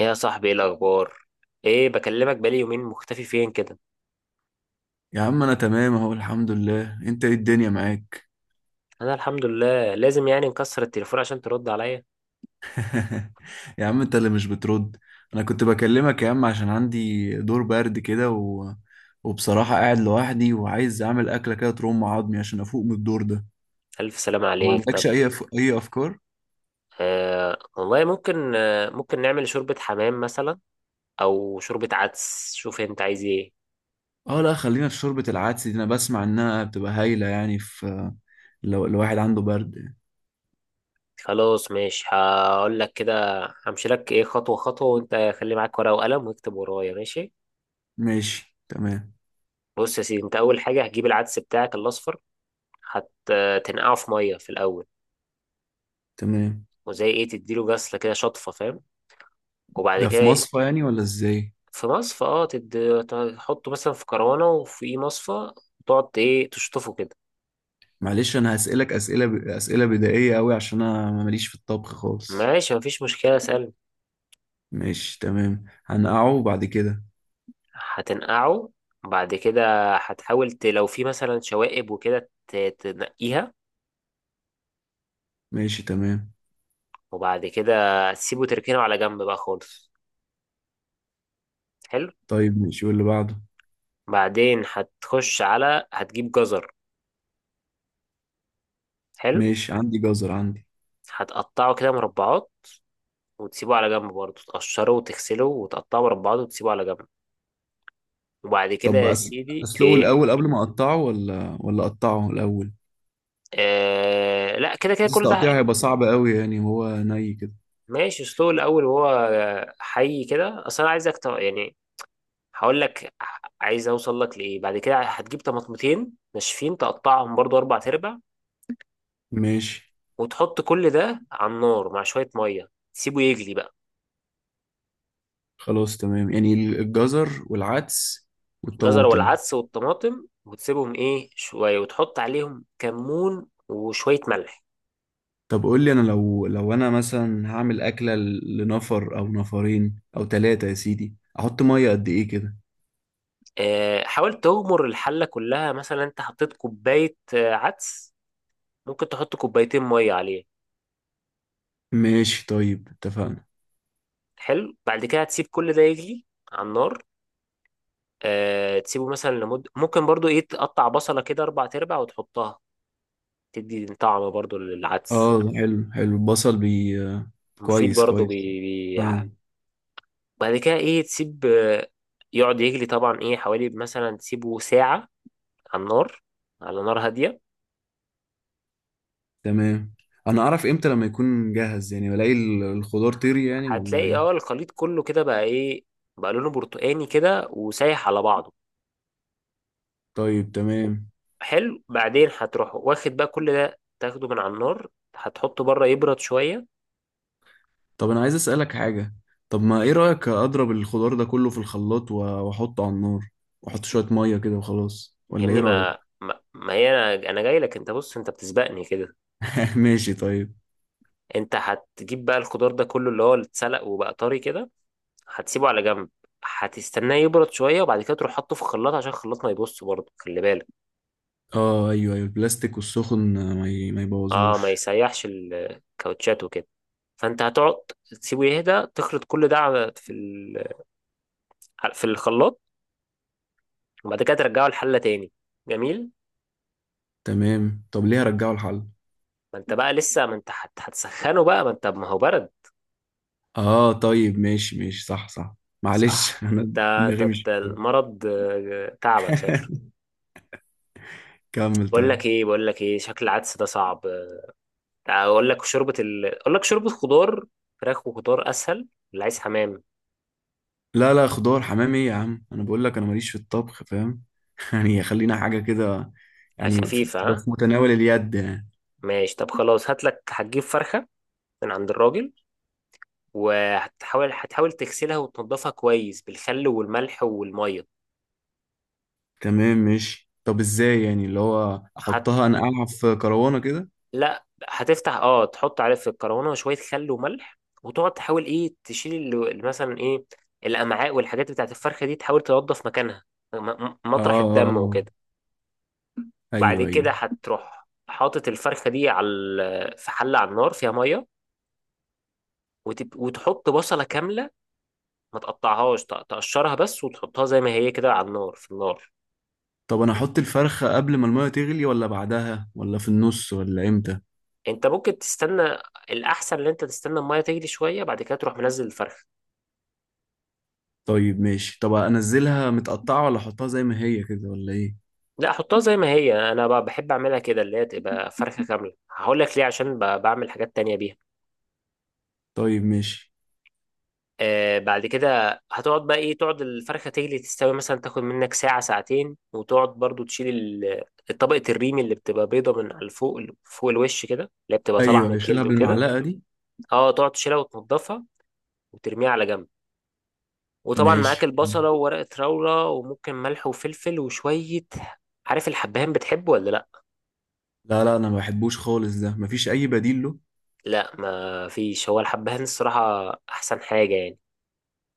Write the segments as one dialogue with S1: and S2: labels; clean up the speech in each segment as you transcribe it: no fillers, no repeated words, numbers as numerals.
S1: ايه يا صاحبي، ايه الاخبار؟ ايه، بكلمك بقالي يومين، مختفي فين كده؟
S2: يا عم انا تمام اهو، الحمد لله. انت ايه؟ الدنيا معاك؟
S1: انا الحمد لله. لازم يعني نكسر التليفون عشان ترد عليا.
S2: يا عم انت اللي مش بترد. انا كنت بكلمك يا عم عشان عندي دور برد كده وبصراحة قاعد لوحدي وعايز اعمل اكلة كده ترم عظمي عشان افوق من الدور ده.
S1: الف سلام
S2: ما
S1: عليك.
S2: عندكش
S1: طب
S2: اي اي افكار؟
S1: آه والله ممكن، آه ممكن نعمل شوربة حمام مثلا، او شوربة عدس. شوف انت عايز ايه.
S2: اه لا، خلينا في شوربة العدس دي، انا بسمع انها بتبقى هايلة يعني في لو الواحد عنده برد يعني.
S1: خلاص ماشي، هقول لك كده. همشي لك ايه خطوة خطوة، وانت خلي معاك ورقة وقلم واكتب ورايا، ماشي؟
S2: ماشي تمام.
S1: بص يا سيدي، انت اول حاجة هتجيب العدس بتاعك الاصفر، هتنقعه في مية في الاول،
S2: تمام.
S1: وزي ايه تديله غسلة كده، شطفة، فاهم؟ وبعد
S2: ده في
S1: كده
S2: مصفى يعني ولا ازاي؟
S1: في مصفى، اه. تحطه مثلا في كروانة وفي مصفى، وتقعد ايه تشطفه كده.
S2: معلش انا هسألك اسئله بدائيه قوي عشان انا ماليش في الطبخ خالص.
S1: ماشي، مفيش مشكلة، سهل.
S2: ماشي تمام، هنقعه بعد كده.
S1: هتنقعه بعد كده، هتحاول لو في مثلا شوائب وكده تنقيها.
S2: ماشي تمام.
S1: وبعد كده تسيبه، تركنه على جنب بقى خالص. حلو.
S2: طيب ماشي، واللي بعده؟
S1: بعدين هتخش على، هتجيب جزر. حلو.
S2: ماشي، عندي جزر عندي.
S1: هتقطعه كده مربعات وتسيبه على جنب، برضه تقشره وتغسله وتقطعه مربعات وتسيبه على جنب. وبعد كده
S2: طب
S1: يا سيدي
S2: اسلقه
S1: ايه،
S2: الاول قبل ما اقطعه ولا اقطعه الاول؟
S1: آه لا كده كده
S2: بس
S1: كل ده.
S2: تقطيعه هيبقى صعب قوي، يعني هو ني كده.
S1: ماشي، سلو الاول وهو حي كده، اصل انا عايزك يعني هقول لك عايز اوصل لك لايه. بعد كده هتجيب طماطمتين ناشفين، تقطعهم برضو اربع تربع،
S2: ماشي.
S1: وتحط كل ده على النار مع شويه ميه، تسيبه يجلي بقى.
S2: خلاص تمام، يعني الجزر والعدس
S1: الجزر
S2: والطماطم.
S1: والعدس والطماطم، وتسيبهم ايه شويه، وتحط عليهم كمون وشويه ملح.
S2: طب قول لي انا، لو انا مثلا هعمل اكله لنفر او نفرين او ثلاثه يا سيدي، احط ميه قد ايه كده؟
S1: آه حاول تغمر الحله كلها، مثلا انت حطيت كوبايه عدس، ممكن تحط كوبايتين ميه عليه.
S2: ماشي طيب، اتفقنا.
S1: حلو، بعد كده هتسيب كل ده يغلي على النار. آه تسيبه مثلا لمدة، ممكن برضو ايه تقطع بصلة كده اربع ارباع وتحطها، تدي طعم برضو للعدس.
S2: اه حلو حلو، البصل بي آه،
S1: مفيد
S2: كويس
S1: برضو
S2: كويس. اه.
S1: بعد كده ايه تسيب يقعد يغلي. طبعا ايه حوالي مثلا تسيبه ساعة على النار، على نار هادية.
S2: تمام. انا اعرف امتى لما يكون جاهز؟ يعني بلاقي الخضار طري يعني ولا
S1: هتلاقي اه
S2: ايه؟
S1: الخليط كله كده بقى ايه، بقى لونه برتقاني كده وسايح على بعضه.
S2: طيب تمام.
S1: حلو، بعدين هتروح واخد بقى كل ده، تاخده من على النار، هتحطه بره يبرد شوية.
S2: طب انا عايز اسالك حاجه. طب ما ايه رايك اضرب الخضار ده كله في الخلاط واحطه على النار، واحط شويه ميه كده وخلاص؟
S1: يا
S2: ولا ايه
S1: ابني،
S2: رايك؟
S1: ما هي انا جاي لك. انت بص، انت بتسبقني كده.
S2: ماشي طيب.
S1: انت هتجيب بقى الخضار ده كله اللي هو اللي اتسلق وبقى طري كده، هتسيبه على جنب، هتستناه يبرد شويه، وبعد كده تروح حاطه في الخلاط، عشان الخلاط ما يبص برضه، خلي بالك.
S2: اه ايوه ايوه، البلاستيك والسخن ما
S1: اه ما
S2: يبوظهوش.
S1: يسيحش الكاوتشات وكده. فانت هتقعد تسيبه يهدى، تخلط كل ده في الخلاط، وبعد كده ترجعه الحله تاني. جميل.
S2: تمام. طب ليه رجعوا الحل؟
S1: ما انت بقى لسه، ما انت هتسخنه بقى، ما انت ما هو برد.
S2: اه طيب ماشي ماشي، صح صح.
S1: صح؟
S2: معلش انا
S1: انت
S2: دماغي
S1: أنت
S2: مش.
S1: المرض تعبك شكله.
S2: كمل
S1: بقول
S2: طيب.
S1: لك ايه، بقول لك ايه، شكل العدس ده صعب، اقول لك اقول لك شوربه خضار، فراخ وخضار اسهل. اللي عايز حمام
S2: لا لا، خضار حمام ايه يا عم، انا بقول لك انا ماليش في الطبخ فاهم. يعني خلينا حاجه كده، يعني
S1: خفيفه،
S2: تبقى
S1: ها
S2: في متناول اليد يعني.
S1: ماشي. طب خلاص هات لك، هتجيب فرخه من عند الراجل، وهتحاول تغسلها وتنضفها كويس بالخل والملح والميه.
S2: تمام ماشي. طب ازاي يعني اللي هو
S1: هت...
S2: احطها، انقعها في كروانه كده؟
S1: لا هتفتح، اه تحط عليه في الكرونه شويه خل وملح، وتقعد تحاول ايه تشيل مثلا ايه الامعاء والحاجات بتاعت الفرخه دي، تحاول تنضف مكانها، م-
S2: اه
S1: مطرح
S2: اه،
S1: الدم
S2: آه.
S1: وكده. بعد
S2: ايوه
S1: كده
S2: ايوه.
S1: هتروح حاطط الفرخة دي على في حلة على النار فيها مية، وتحط بصلة كاملة، ما تقطعهاش، تقشرها بس وتحطها زي ما هي كده على النار، في النار.
S2: طب انا احط الفرخة قبل ما المية تغلي ولا بعدها ولا في النص ولا امتى؟
S1: انت ممكن تستنى، الأحسن ان انت تستنى المية تغلي شوية، بعد كده تروح منزل الفرخة.
S2: طيب ماشي. طب انزلها متقطعة ولا احطها زي ما هي كده ولا ايه؟
S1: لا حطها زي ما هي، انا بحب اعملها كده، اللي هي تبقى فرخة كاملة. هقول لك ليه، عشان بعمل حاجات تانية بيها.
S2: طيب ماشي.
S1: آه بعد كده هتقعد بقى ايه، تقعد الفرخة تجلي تستوي، مثلا تاخد منك ساعة ساعتين، وتقعد برضو تشيل الطبقة الريم اللي بتبقى بيضة من على فوق فوق الوش كده، اللي هي بتبقى طالعة
S2: ايوه
S1: من
S2: أيوه، اشيلها
S1: الجلد وكده.
S2: بالمعلقة دي.
S1: اه تقعد تشيلها وتنضفها وترميها على جنب. وطبعا معاك
S2: ماشي.
S1: البصلة وورقة راولة وممكن ملح وفلفل وشوية. عارف الحبهان، بتحبه ولا لا؟
S2: لا لا، انا ما بحبوش خالص، ده مفيش اي بديل له؟
S1: لا ما فيش. هو الحبهان الصراحة احسن حاجة يعني،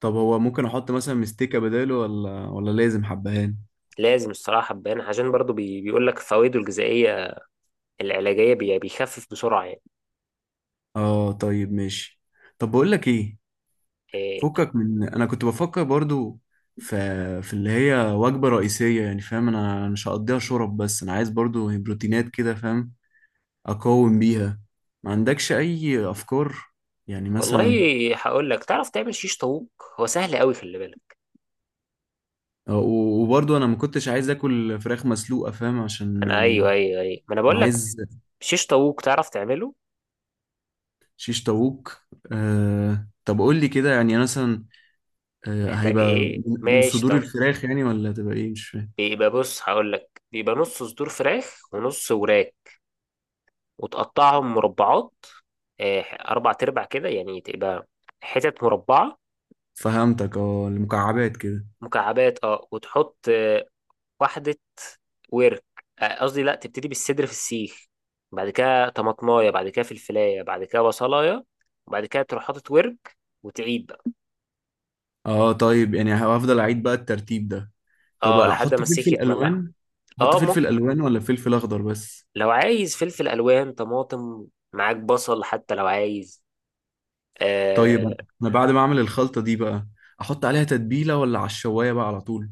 S2: طب هو ممكن احط مثلا مستكة بداله ولا لازم حبهان؟
S1: لازم الصراحة حبهان، عشان برضو بي بيقول لك فوائده الغذائية العلاجية، بيخفف بسرعة يعني.
S2: اه طيب ماشي. طب بقول لك ايه؟
S1: إيه؟
S2: فكك من، انا كنت بفكر برضو في اللي هي وجبة رئيسية يعني، فاهم؟ انا مش هقضيها شرب بس، انا عايز برضو بروتينات كده، فاهم؟ اقاوم بيها. ما عندكش اي افكار؟ يعني
S1: والله
S2: مثلا.
S1: هقول لك، تعرف تعمل شيش طاووق؟ هو سهل قوي، خلي بالك.
S2: وبرضو انا ما كنتش عايز اكل فراخ مسلوقة، فاهم؟ عشان
S1: انا ايوه
S2: يعني
S1: ايوه ايوه، ما انا
S2: انا
S1: بقول لك
S2: عايز
S1: شيش طاووق، تعرف تعمله؟
S2: شيش طاووق. أه طب قول لي كده يعني مثلا. أه
S1: محتاج
S2: هيبقى
S1: ايه،
S2: من
S1: ماشي
S2: صدور
S1: طب.
S2: الفراخ يعني ولا هتبقى ايه؟ مش فاهم.
S1: بيبقى بص هقول لك، بيبقى نص صدور فراخ ونص وراك، وتقطعهم مربعات، إيه اربع تربع كده، يعني تبقى حتت مربعة.
S2: فهمتك، اه المكعبات كده.
S1: مكعبات اه. وتحط واحدة ورك، قصدي لا، تبتدي بالصدر في السيخ، بعد كده طماطمايه، بعد كده فلفلايه، بعد كده بصلايه، وبعد كده تروح حاطط ورك، وتعيد بقى.
S2: اه طيب، يعني هفضل اعيد بقى الترتيب ده. طب
S1: اه لحد ما
S2: احط
S1: السيخ
S2: فلفل
S1: يتملع.
S2: الوان؟ احط
S1: اه
S2: فلفل
S1: ممكن،
S2: الوان ولا فلفل اخضر بس؟
S1: لو عايز فلفل الوان، طماطم، معاك بصل حتى لو عايز،
S2: طيب
S1: آه.
S2: انا بعد ما اعمل الخلطة دي بقى، احط عليها تتبيلة ولا على الشواية بقى على طول؟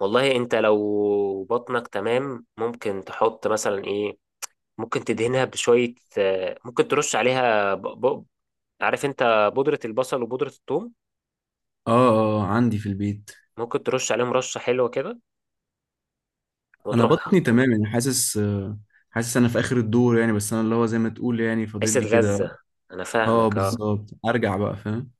S1: والله انت لو بطنك تمام، ممكن تحط مثلا ايه، ممكن تدهنها بشوية آه، ممكن ترش عليها عارف انت بودرة البصل وبودرة الثوم،
S2: اه اه عندي في البيت.
S1: ممكن ترش عليهم رشة حلوة كده،
S2: انا
S1: وتروح.
S2: بطني تمام يعني، حاسس حاسس انا في اخر الدور يعني، بس انا اللي هو زي ما تقول يعني فاضل
S1: حتة
S2: لي كده.
S1: غزة، أنا
S2: اه
S1: فاهمك أه.
S2: بالظبط، ارجع بقى فاهم.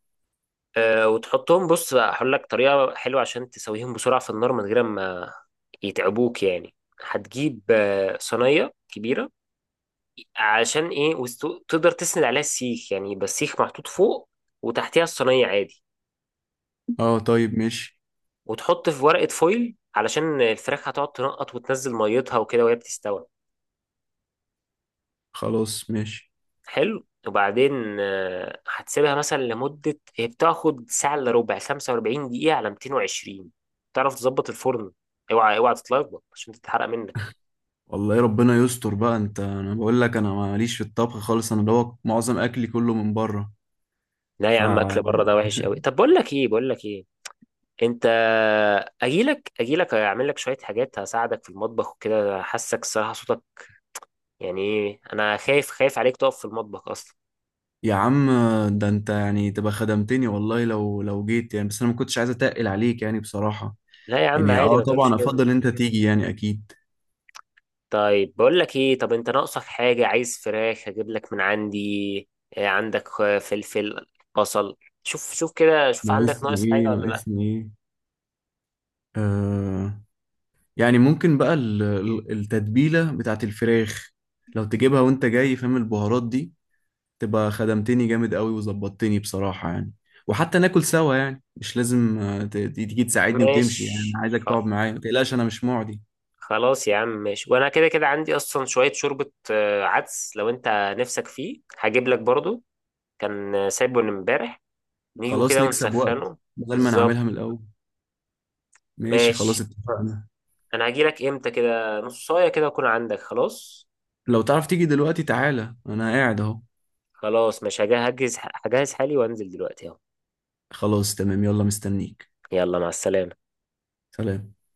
S1: وتحطهم، بص بقى هقول لك طريقة حلوة عشان تسويهم بسرعة في النار، من غير ما يتعبوك يعني. هتجيب صينية كبيرة، عشان إيه وتقدر تسند عليها السيخ، يعني يبقى السيخ محطوط فوق وتحتها الصينية عادي.
S2: اه طيب ماشي.
S1: وتحط في ورقة فويل، علشان الفراخ هتقعد تنقط وتنزل ميتها وكده وهي بتستوي.
S2: خلاص ماشي.
S1: حلو، وبعدين هتسيبها مثلا لمدة، هي بتاخد ساعة إلا ربع، 45 دقيقة على 220. تعرف تظبط الفرن، اوعى اوعى تتلخبط عشان تتحرق منك.
S2: والله ربنا يستر بقى، انت انا بقول لك انا ماليش في الطبخ خالص، انا دوت معظم اكلي كله من بره.
S1: لا يا
S2: ف
S1: عم، اكل بره ده وحش قوي. طب بقول لك ايه، بقول لك ايه، انت، اجيلك اعمل لك شوية حاجات، هساعدك في المطبخ وكده، حاسك الصراحة صوتك يعني ايه، انا خايف عليك تقف في المطبخ اصلا.
S2: يا عم، ده انت يعني تبقى خدمتني والله، لو جيت يعني، بس انا ما كنتش عايز اتقل عليك يعني بصراحة.
S1: لا يا عم
S2: يعني
S1: عادي،
S2: اه
S1: ما تقولش
S2: طبعا
S1: كده.
S2: افضل انت تيجي يعني اكيد.
S1: طيب بقول لك ايه، طب انت ناقصك حاجة؟ عايز فراخ، هجيب لك من عندي. إيه عندك فلفل، بصل، شوف شوف كده، شوف عندك
S2: ناقصني
S1: ناقص
S2: ايه؟
S1: حاجة ولا لا.
S2: ناقصني ايه؟ آه. يعني ممكن بقى التتبيلة بتاعت الفراخ لو تجيبها وانت جاي، فاهم؟ البهارات دي تبقى خدمتني جامد قوي وظبطتني بصراحة يعني. وحتى ناكل سوا يعني، مش لازم تيجي تساعدني وتمشي يعني، انا
S1: ماشي
S2: عايزك تقعد معايا، ما تقلقش انا مش معدي.
S1: خلاص يا عم ماشي. وانا كده كده عندي اصلا شوية شوربة عدس، لو انت نفسك فيه هجيب لك برضو، كان سايبه من امبارح، نيجوا
S2: خلاص
S1: كده
S2: نكسب وقت،
S1: ونسخنه.
S2: بدل ما نعملها
S1: بالظبط.
S2: من الأول. ماشي خلاص
S1: ماشي.
S2: اتفقنا.
S1: انا هجي لك امتى، كده نص ساعة كده اكون عندك، خلاص.
S2: لو تعرف تيجي دلوقتي تعالى، أنا قاعد أهو.
S1: خلاص مش هجهز، هجهز حالي وانزل دلوقتي اهو.
S2: خلاص تمام، يلا مستنيك.
S1: يلا مع السلامة.
S2: سلام.